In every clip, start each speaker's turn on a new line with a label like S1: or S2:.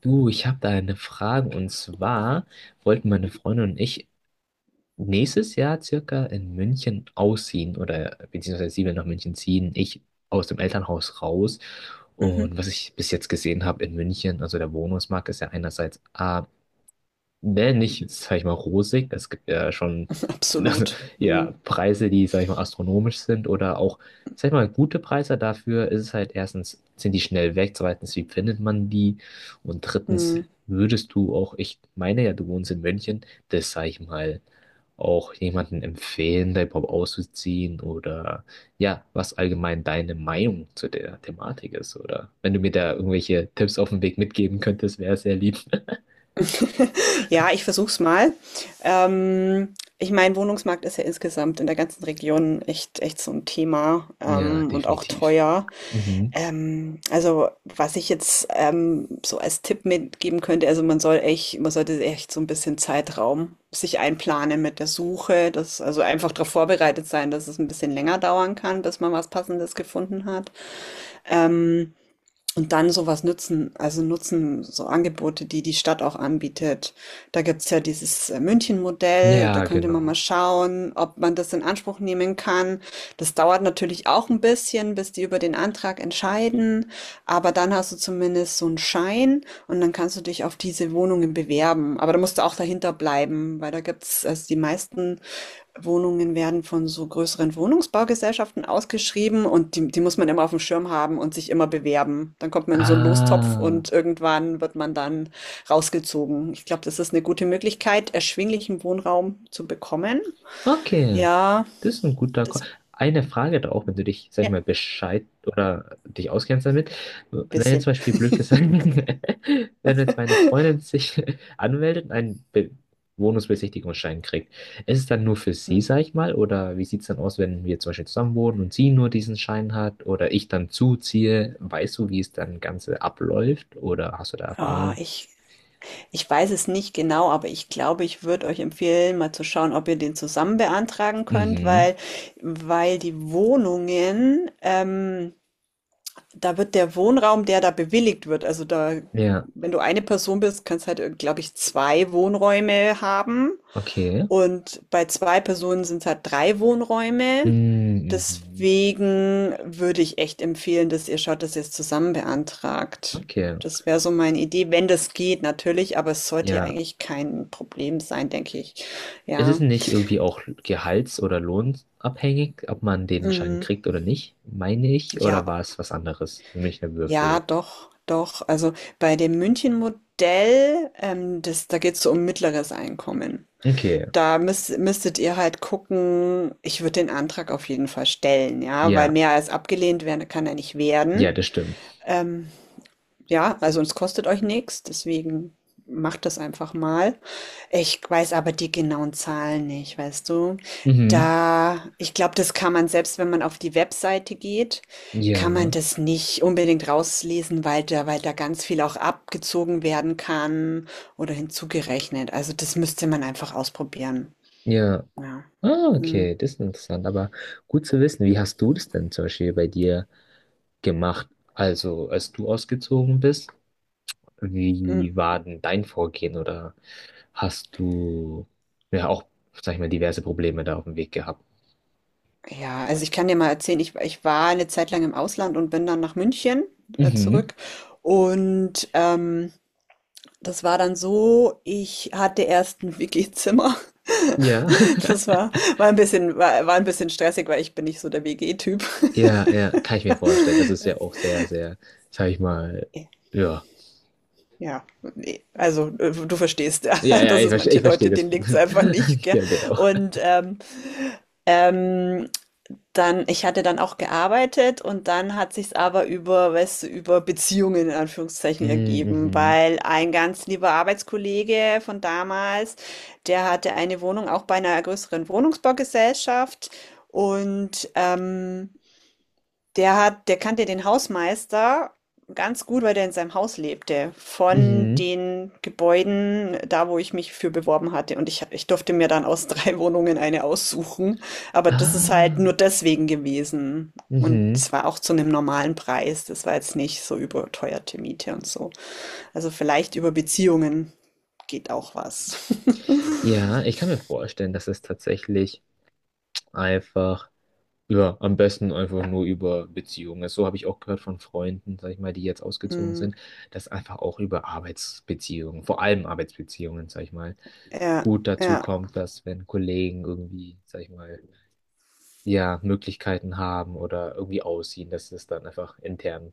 S1: Du, ich habe da eine Frage und zwar wollten meine Freundin und ich nächstes Jahr circa in München ausziehen oder beziehungsweise sie will nach München ziehen, ich aus dem Elternhaus raus.
S2: Mhm.
S1: Und was ich bis jetzt gesehen habe in München, also der Wohnungsmarkt ist ja einerseits ne, nicht, sag ich mal, rosig. Es gibt ja schon ja,
S2: Mhm.
S1: Preise, die, sag ich mal, astronomisch sind oder auch, sag ich mal, gute Preise. Dafür ist es halt erstens, sind die schnell weg, zweitens, wie findet man die? Und drittens,
S2: Mhm.
S1: würdest du auch, ich meine ja, du wohnst in München, das, sag ich mal, auch jemanden empfehlen, da überhaupt auszuziehen oder ja, was allgemein deine Meinung zu der Thematik ist oder wenn du mir da irgendwelche Tipps auf den Weg mitgeben könntest, wäre es sehr lieb.
S2: Ja, ich versuch's mal. Ich meine, Wohnungsmarkt ist ja insgesamt in der ganzen Region echt, echt so ein Thema
S1: Ja,
S2: und auch
S1: definitiv.
S2: teuer.
S1: Mhm.
S2: Also was ich jetzt so als Tipp mitgeben könnte, also man sollte echt so ein bisschen Zeitraum sich einplanen mit der Suche, dass also einfach darauf vorbereitet sein, dass es ein bisschen länger dauern kann, bis man was Passendes gefunden hat. Ähm, Und dann sowas nutzen, also nutzen so Angebote, die die Stadt auch anbietet. Da gibt's ja dieses München-Modell, da
S1: Ja,
S2: könnte man mal
S1: genau.
S2: schauen, ob man das in Anspruch nehmen kann. Das dauert natürlich auch ein bisschen, bis die über den Antrag entscheiden, aber dann hast du zumindest so einen Schein und dann kannst du dich auf diese Wohnungen bewerben. Aber da musst du auch dahinter bleiben, weil da gibt's also die meisten Wohnungen werden von so größeren Wohnungsbaugesellschaften ausgeschrieben und die muss man immer auf dem Schirm haben und sich immer bewerben. Dann kommt man in so einen Lostopf
S1: Ah,
S2: und irgendwann wird man dann rausgezogen. Ich glaube, das ist eine gute Möglichkeit, erschwinglichen Wohnraum zu bekommen.
S1: okay.
S2: Ja,
S1: Das ist ein guter Call.
S2: das,
S1: Eine Frage da auch, wenn du dich, sag ich
S2: ja, ein
S1: mal, Bescheid oder dich auskennst damit. Wenn jetzt zum
S2: bisschen.
S1: Beispiel blöd gesagt, wenn jetzt meine Freundin sich anmeldet und einen Be Wohnungsbesichtigungsschein kriegt, ist es dann nur für sie,
S2: Hm.
S1: sag ich mal, oder wie sieht es dann aus, wenn wir zum Beispiel zusammen wohnen und sie nur diesen Schein hat oder ich dann zuziehe? Weißt du, wie es dann Ganze abläuft oder hast du da
S2: Ah,
S1: Erfahrung?
S2: ich weiß es nicht genau, aber ich glaube, ich würde euch empfehlen, mal zu schauen, ob ihr den zusammen beantragen könnt,
S1: Mhm.
S2: weil, weil die Wohnungen, da wird der Wohnraum, der da bewilligt wird, also da,
S1: Ja,
S2: wenn du eine Person bist, kannst halt, glaube ich, zwei Wohnräume haben.
S1: okay.
S2: Und bei zwei Personen sind es halt drei Wohnräume.
S1: Mm, mhm.
S2: Deswegen würde ich echt empfehlen, dass ihr schaut, dass ihr es zusammen beantragt.
S1: Okay,
S2: Das wäre so meine Idee, wenn das geht, natürlich, aber es sollte ja
S1: ja.
S2: eigentlich kein Problem sein, denke ich.
S1: Ist es
S2: Ja.
S1: nicht irgendwie auch gehalts- oder lohnabhängig, ob man den Schein
S2: Mm.
S1: kriegt oder nicht, meine ich,
S2: Ja.
S1: oder war es was anderes? Nämlich eine Würfel.
S2: Ja, doch, doch. Also bei dem München-Modell, das, da geht es so um mittleres Einkommen.
S1: Okay,
S2: Da müsstet ihr halt gucken, ich würde den Antrag auf jeden Fall stellen, ja, weil
S1: ja,
S2: mehr als abgelehnt werden kann er nicht
S1: ja,
S2: werden.
S1: das stimmt.
S2: Ähm, ja, also es kostet euch nichts, deswegen macht das einfach mal. Ich weiß aber die genauen Zahlen nicht, weißt du?
S1: Mhm.
S2: Da, ich glaube, das kann man selbst, wenn man auf die Webseite geht, kann man
S1: Ja,
S2: das nicht unbedingt rauslesen, weil da ganz viel auch abgezogen werden kann oder hinzugerechnet. Also das müsste man einfach ausprobieren.
S1: ja.
S2: Ja.
S1: Ah,
S2: Hm.
S1: okay, das ist interessant, aber gut zu wissen. Wie hast du das denn zum Beispiel bei dir gemacht? Also, als du ausgezogen bist,
S2: Hm.
S1: wie war denn dein Vorgehen oder hast du ja auch, sag ich mal, diverse Probleme da auf dem Weg gehabt?
S2: Ja, also ich kann dir mal erzählen, ich war eine Zeit lang im Ausland und bin dann nach München
S1: Mhm.
S2: zurück. Und das war dann so, ich hatte erst ein WG-Zimmer.
S1: Ja,
S2: Das war, war ein bisschen stressig, weil ich bin nicht so der WG-Typ.
S1: ja, ja, kann ich mir vorstellen. Das ist ja auch sehr, sehr, sag ich mal, ja.
S2: Ja, nee, also du verstehst,
S1: Ja, ja,
S2: dass es manche
S1: ich verstehe
S2: Leute,
S1: das
S2: denen liegt es
S1: Problem.
S2: einfach nicht, gell?
S1: Ja, genau.
S2: Und ähm, dann, ich hatte dann auch gearbeitet und dann hat sich's aber über, weißt du, über Beziehungen in Anführungszeichen
S1: Mm,
S2: ergeben,
S1: mhm.
S2: weil ein ganz lieber Arbeitskollege von damals, der hatte eine Wohnung auch bei einer größeren Wohnungsbaugesellschaft und der kannte den Hausmeister ganz gut, weil der in seinem Haus lebte, von
S1: Mhm.
S2: den Gebäuden da, wo ich mich für beworben hatte. Und ich durfte mir dann aus 3 Wohnungen eine aussuchen, aber das ist halt
S1: Ah,
S2: nur deswegen gewesen. Und
S1: mhm.
S2: es war auch zu einem normalen Preis. Das war jetzt nicht so überteuerte Miete und so. Also, vielleicht über Beziehungen geht auch was.
S1: Ja, ich kann mir vorstellen, dass es tatsächlich einfach. Ja, am besten einfach nur über Beziehungen. So habe ich auch gehört von Freunden, sag ich mal, die jetzt ausgezogen
S2: Mhm.
S1: sind, dass einfach auch über Arbeitsbeziehungen, vor allem Arbeitsbeziehungen, sag ich mal,
S2: Ja,
S1: gut dazu
S2: ja.
S1: kommt, dass wenn Kollegen irgendwie, sag ich mal, ja, Möglichkeiten haben oder irgendwie ausziehen, dass es dann einfach intern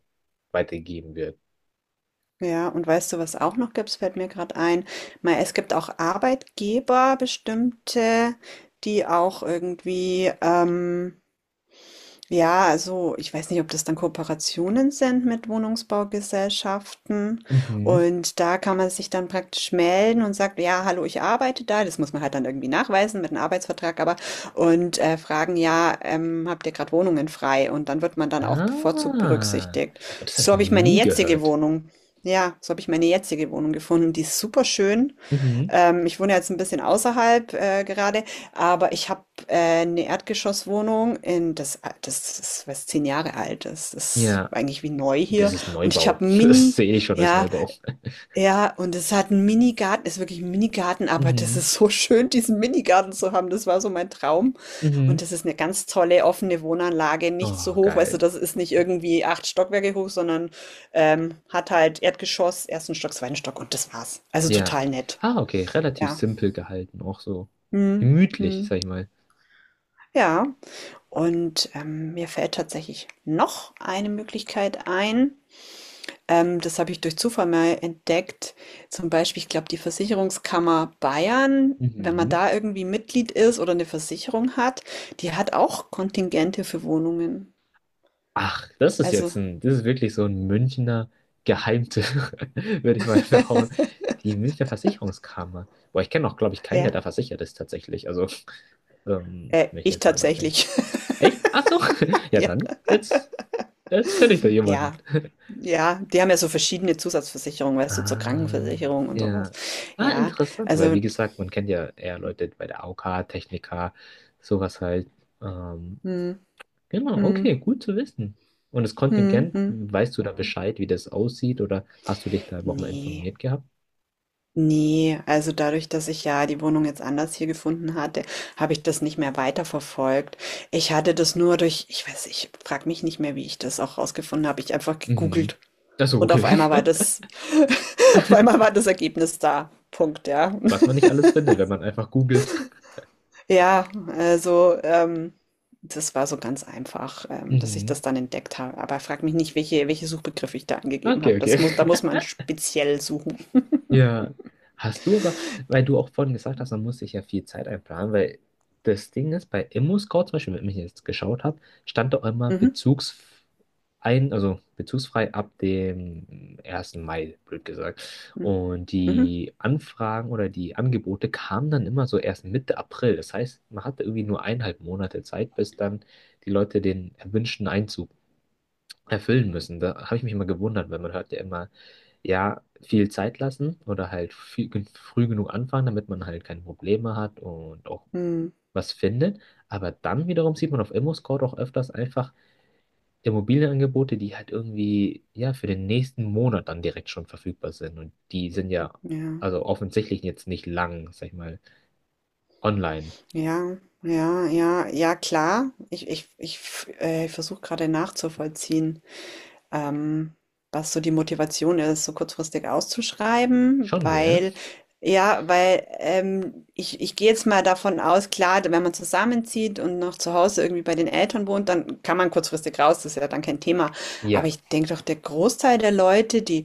S1: weitergegeben wird.
S2: Ja, und weißt du, was auch noch gibt? Es fällt mir gerade ein. Mei, es gibt auch Arbeitgeber, bestimmte, die auch irgendwie ja, also ich weiß nicht, ob das dann Kooperationen sind mit Wohnungsbaugesellschaften.
S1: Mhm.
S2: Und da kann man sich dann praktisch melden und sagt, ja, hallo, ich arbeite da. Das muss man halt dann irgendwie nachweisen mit einem Arbeitsvertrag, aber fragen, ja, habt ihr gerade Wohnungen frei? Und dann wird man dann auch bevorzugt
S1: Ah,
S2: berücksichtigt.
S1: und das habe
S2: So
S1: ich noch
S2: habe ich meine
S1: nie
S2: jetzige
S1: gehört.
S2: Wohnung. Ja, so habe ich meine jetzige Wohnung gefunden. Die ist super schön.
S1: Mhm.
S2: Ich wohne jetzt ein bisschen außerhalb gerade, aber ich habe eine Erdgeschosswohnung in das, das ist was zehn Jahre alt. Das ist
S1: Ja,
S2: eigentlich wie neu hier.
S1: das ist
S2: Und ich
S1: Neubau.
S2: habe einen
S1: Das sehe ich schon als
S2: Ja,
S1: Neubau.
S2: ja, und es hat einen Minigarten, ist wirklich ein Minigarten, aber das
S1: Mhm.
S2: ist so schön, diesen Minigarten zu haben. Das war so mein Traum. Und
S1: Mhm.
S2: das ist eine ganz tolle offene Wohnanlage, nicht so
S1: Oh,
S2: hoch, weißt du,
S1: geil.
S2: das ist nicht irgendwie acht Stockwerke hoch, sondern hat halt Erdgeschoss, ersten Stock, zweiten Stock und das war's. Also
S1: Ja.
S2: total nett.
S1: Ah, okay, relativ
S2: Ja.
S1: simpel gehalten, auch so
S2: Mhm,
S1: gemütlich,
S2: mhm.
S1: sag ich mal.
S2: Ja, und, mir fällt tatsächlich noch eine Möglichkeit ein. Das habe ich durch Zufall mal entdeckt. Zum Beispiel, ich glaube, die Versicherungskammer Bayern, wenn man
S1: Mhm.
S2: da irgendwie Mitglied ist oder eine Versicherung hat, die hat auch Kontingente für Wohnungen.
S1: Ach, das ist jetzt
S2: Also,
S1: das ist wirklich so ein Münchner Geheimtipp, würde ich mal behaupten. Die Münchner Versicherungskammer. Boah, ich kenne auch, glaube ich, keinen, der
S2: ja,
S1: da versichert ist tatsächlich. Also, wenn ich
S2: ich
S1: jetzt mal nachdenke.
S2: tatsächlich.
S1: Echt? Ach so. Ja,
S2: Ja,
S1: dann, jetzt kenne ich da
S2: ja,
S1: jemanden.
S2: ja, die haben ja so verschiedene Zusatzversicherungen, weißt du, zur
S1: Ah,
S2: Krankenversicherung und sowas.
S1: ja. Ah,
S2: Ja,
S1: interessant, weil
S2: also
S1: wie gesagt, man kennt ja eher Leute bei der AOK, Techniker, sowas halt. Ähm,
S2: mhm,
S1: genau, okay,
S2: mhm.
S1: gut zu wissen. Und das
S2: Mhm,
S1: Kontingent,
S2: mhm.
S1: weißt du da Bescheid, wie das aussieht, oder hast du dich da überhaupt mal
S2: Ne,
S1: informiert gehabt?
S2: ne. Also, dadurch, dass ich ja die Wohnung jetzt anders hier gefunden hatte, habe ich das nicht mehr weiterverfolgt. Ich hatte das nur durch ich frage mich nicht mehr, wie ich das auch rausgefunden habe. Ich einfach
S1: Mhm.
S2: gegoogelt
S1: Achso,
S2: und
S1: okay.
S2: auf einmal war das auf einmal war das Ergebnis da. Punkt, ja.
S1: Was man nicht alles findet, wenn man einfach googelt.
S2: Ja, also, das war so ganz einfach, dass ich
S1: Mhm.
S2: das dann entdeckt habe. Aber frag mich nicht, welche Suchbegriffe ich da angegeben
S1: Okay,
S2: habe.
S1: okay.
S2: Das muss da muss man speziell suchen.
S1: Ja, hast du aber, weil du auch vorhin gesagt hast, man muss sich ja viel Zeit einplanen, weil das Ding ist, bei ImmoScout zum Beispiel, wenn ich jetzt geschaut habe, stand doch immer
S2: Mhm.
S1: bezugs ein, also bezugsfrei ab dem 1. Mai, blöd gesagt.
S2: Mhm.
S1: Und
S2: Mhm.
S1: die Anfragen oder die Angebote kamen dann immer so erst Mitte April. Das heißt, man hatte irgendwie nur eineinhalb Monate Zeit, bis dann die Leute den erwünschten Einzug erfüllen müssen. Da habe ich mich immer gewundert, weil man hört ja immer, ja, viel Zeit lassen oder halt viel, früh genug anfangen, damit man halt keine Probleme hat und auch
S2: Mhm.
S1: was findet. Aber dann wiederum sieht man auf ImmoScout auch öfters einfach Immobilienangebote, die halt irgendwie, ja, für den nächsten Monat dann direkt schon verfügbar sind. Und die sind ja,
S2: Ja,
S1: also offensichtlich jetzt nicht lang, sag ich mal, online.
S2: ja, ja, ja, ja, klar. Ich versuche gerade nachzuvollziehen, ähm, was so die Motivation ist, so kurzfristig auszuschreiben,
S1: Schon, gell?
S2: weil, ja, weil ich gehe jetzt mal davon aus, klar, wenn man zusammenzieht und noch zu Hause irgendwie bei den Eltern wohnt, dann kann man kurzfristig raus, das ist ja dann kein Thema. Aber
S1: Ja.
S2: ich denke doch, der Großteil der Leute, die,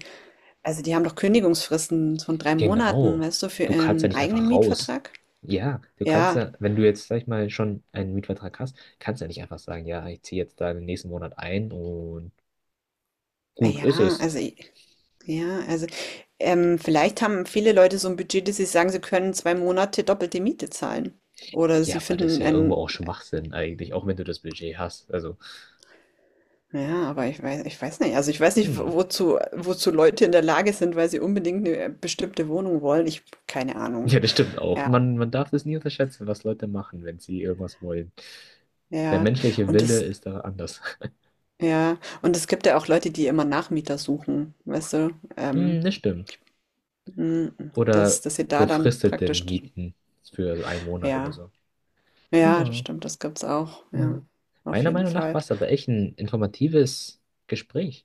S2: also die haben doch Kündigungsfristen von drei Monaten,
S1: Genau.
S2: weißt du, für
S1: Du kannst ja
S2: ihren
S1: nicht
S2: eigenen
S1: einfach raus.
S2: Mietvertrag.
S1: Ja, du kannst
S2: Ja.
S1: ja, wenn du jetzt, sag ich mal, schon einen Mietvertrag hast, kannst du ja nicht einfach sagen, ja, ich ziehe jetzt da den nächsten Monat ein und gut ist
S2: Ja,
S1: es.
S2: also i ja, also, vielleicht haben viele Leute so ein Budget, dass sie sagen, sie können 2 Monate doppelte Miete zahlen. Oder
S1: Ja,
S2: sie
S1: aber das ist
S2: finden
S1: ja irgendwo
S2: ein
S1: auch Schwachsinn eigentlich, auch wenn du das Budget hast. Also,
S2: ja, aber ich weiß nicht. Also, ich weiß nicht, wo
S1: hm.
S2: wozu Leute in der Lage sind, weil sie unbedingt eine bestimmte Wohnung wollen. Ich keine Ahnung.
S1: Ja, das stimmt auch.
S2: Ja,
S1: Man darf das nie unterschätzen, was Leute machen, wenn sie irgendwas wollen. Der
S2: ja.
S1: menschliche
S2: Und
S1: Wille
S2: das
S1: ist da anders.
S2: ja, und es gibt ja auch Leute, die immer Nachmieter suchen, weißt du?
S1: Hm, das stimmt.
S2: Mhm,
S1: Oder
S2: dass sie da dann
S1: befristete
S2: praktisch
S1: Mieten für einen Monat oder
S2: ja,
S1: so.
S2: ja, das
S1: Genau.
S2: stimmt, das gibt's auch, ja,
S1: Ja.
S2: auf
S1: Meiner
S2: jeden
S1: Meinung nach
S2: Fall.
S1: war es aber echt ein informatives Gespräch.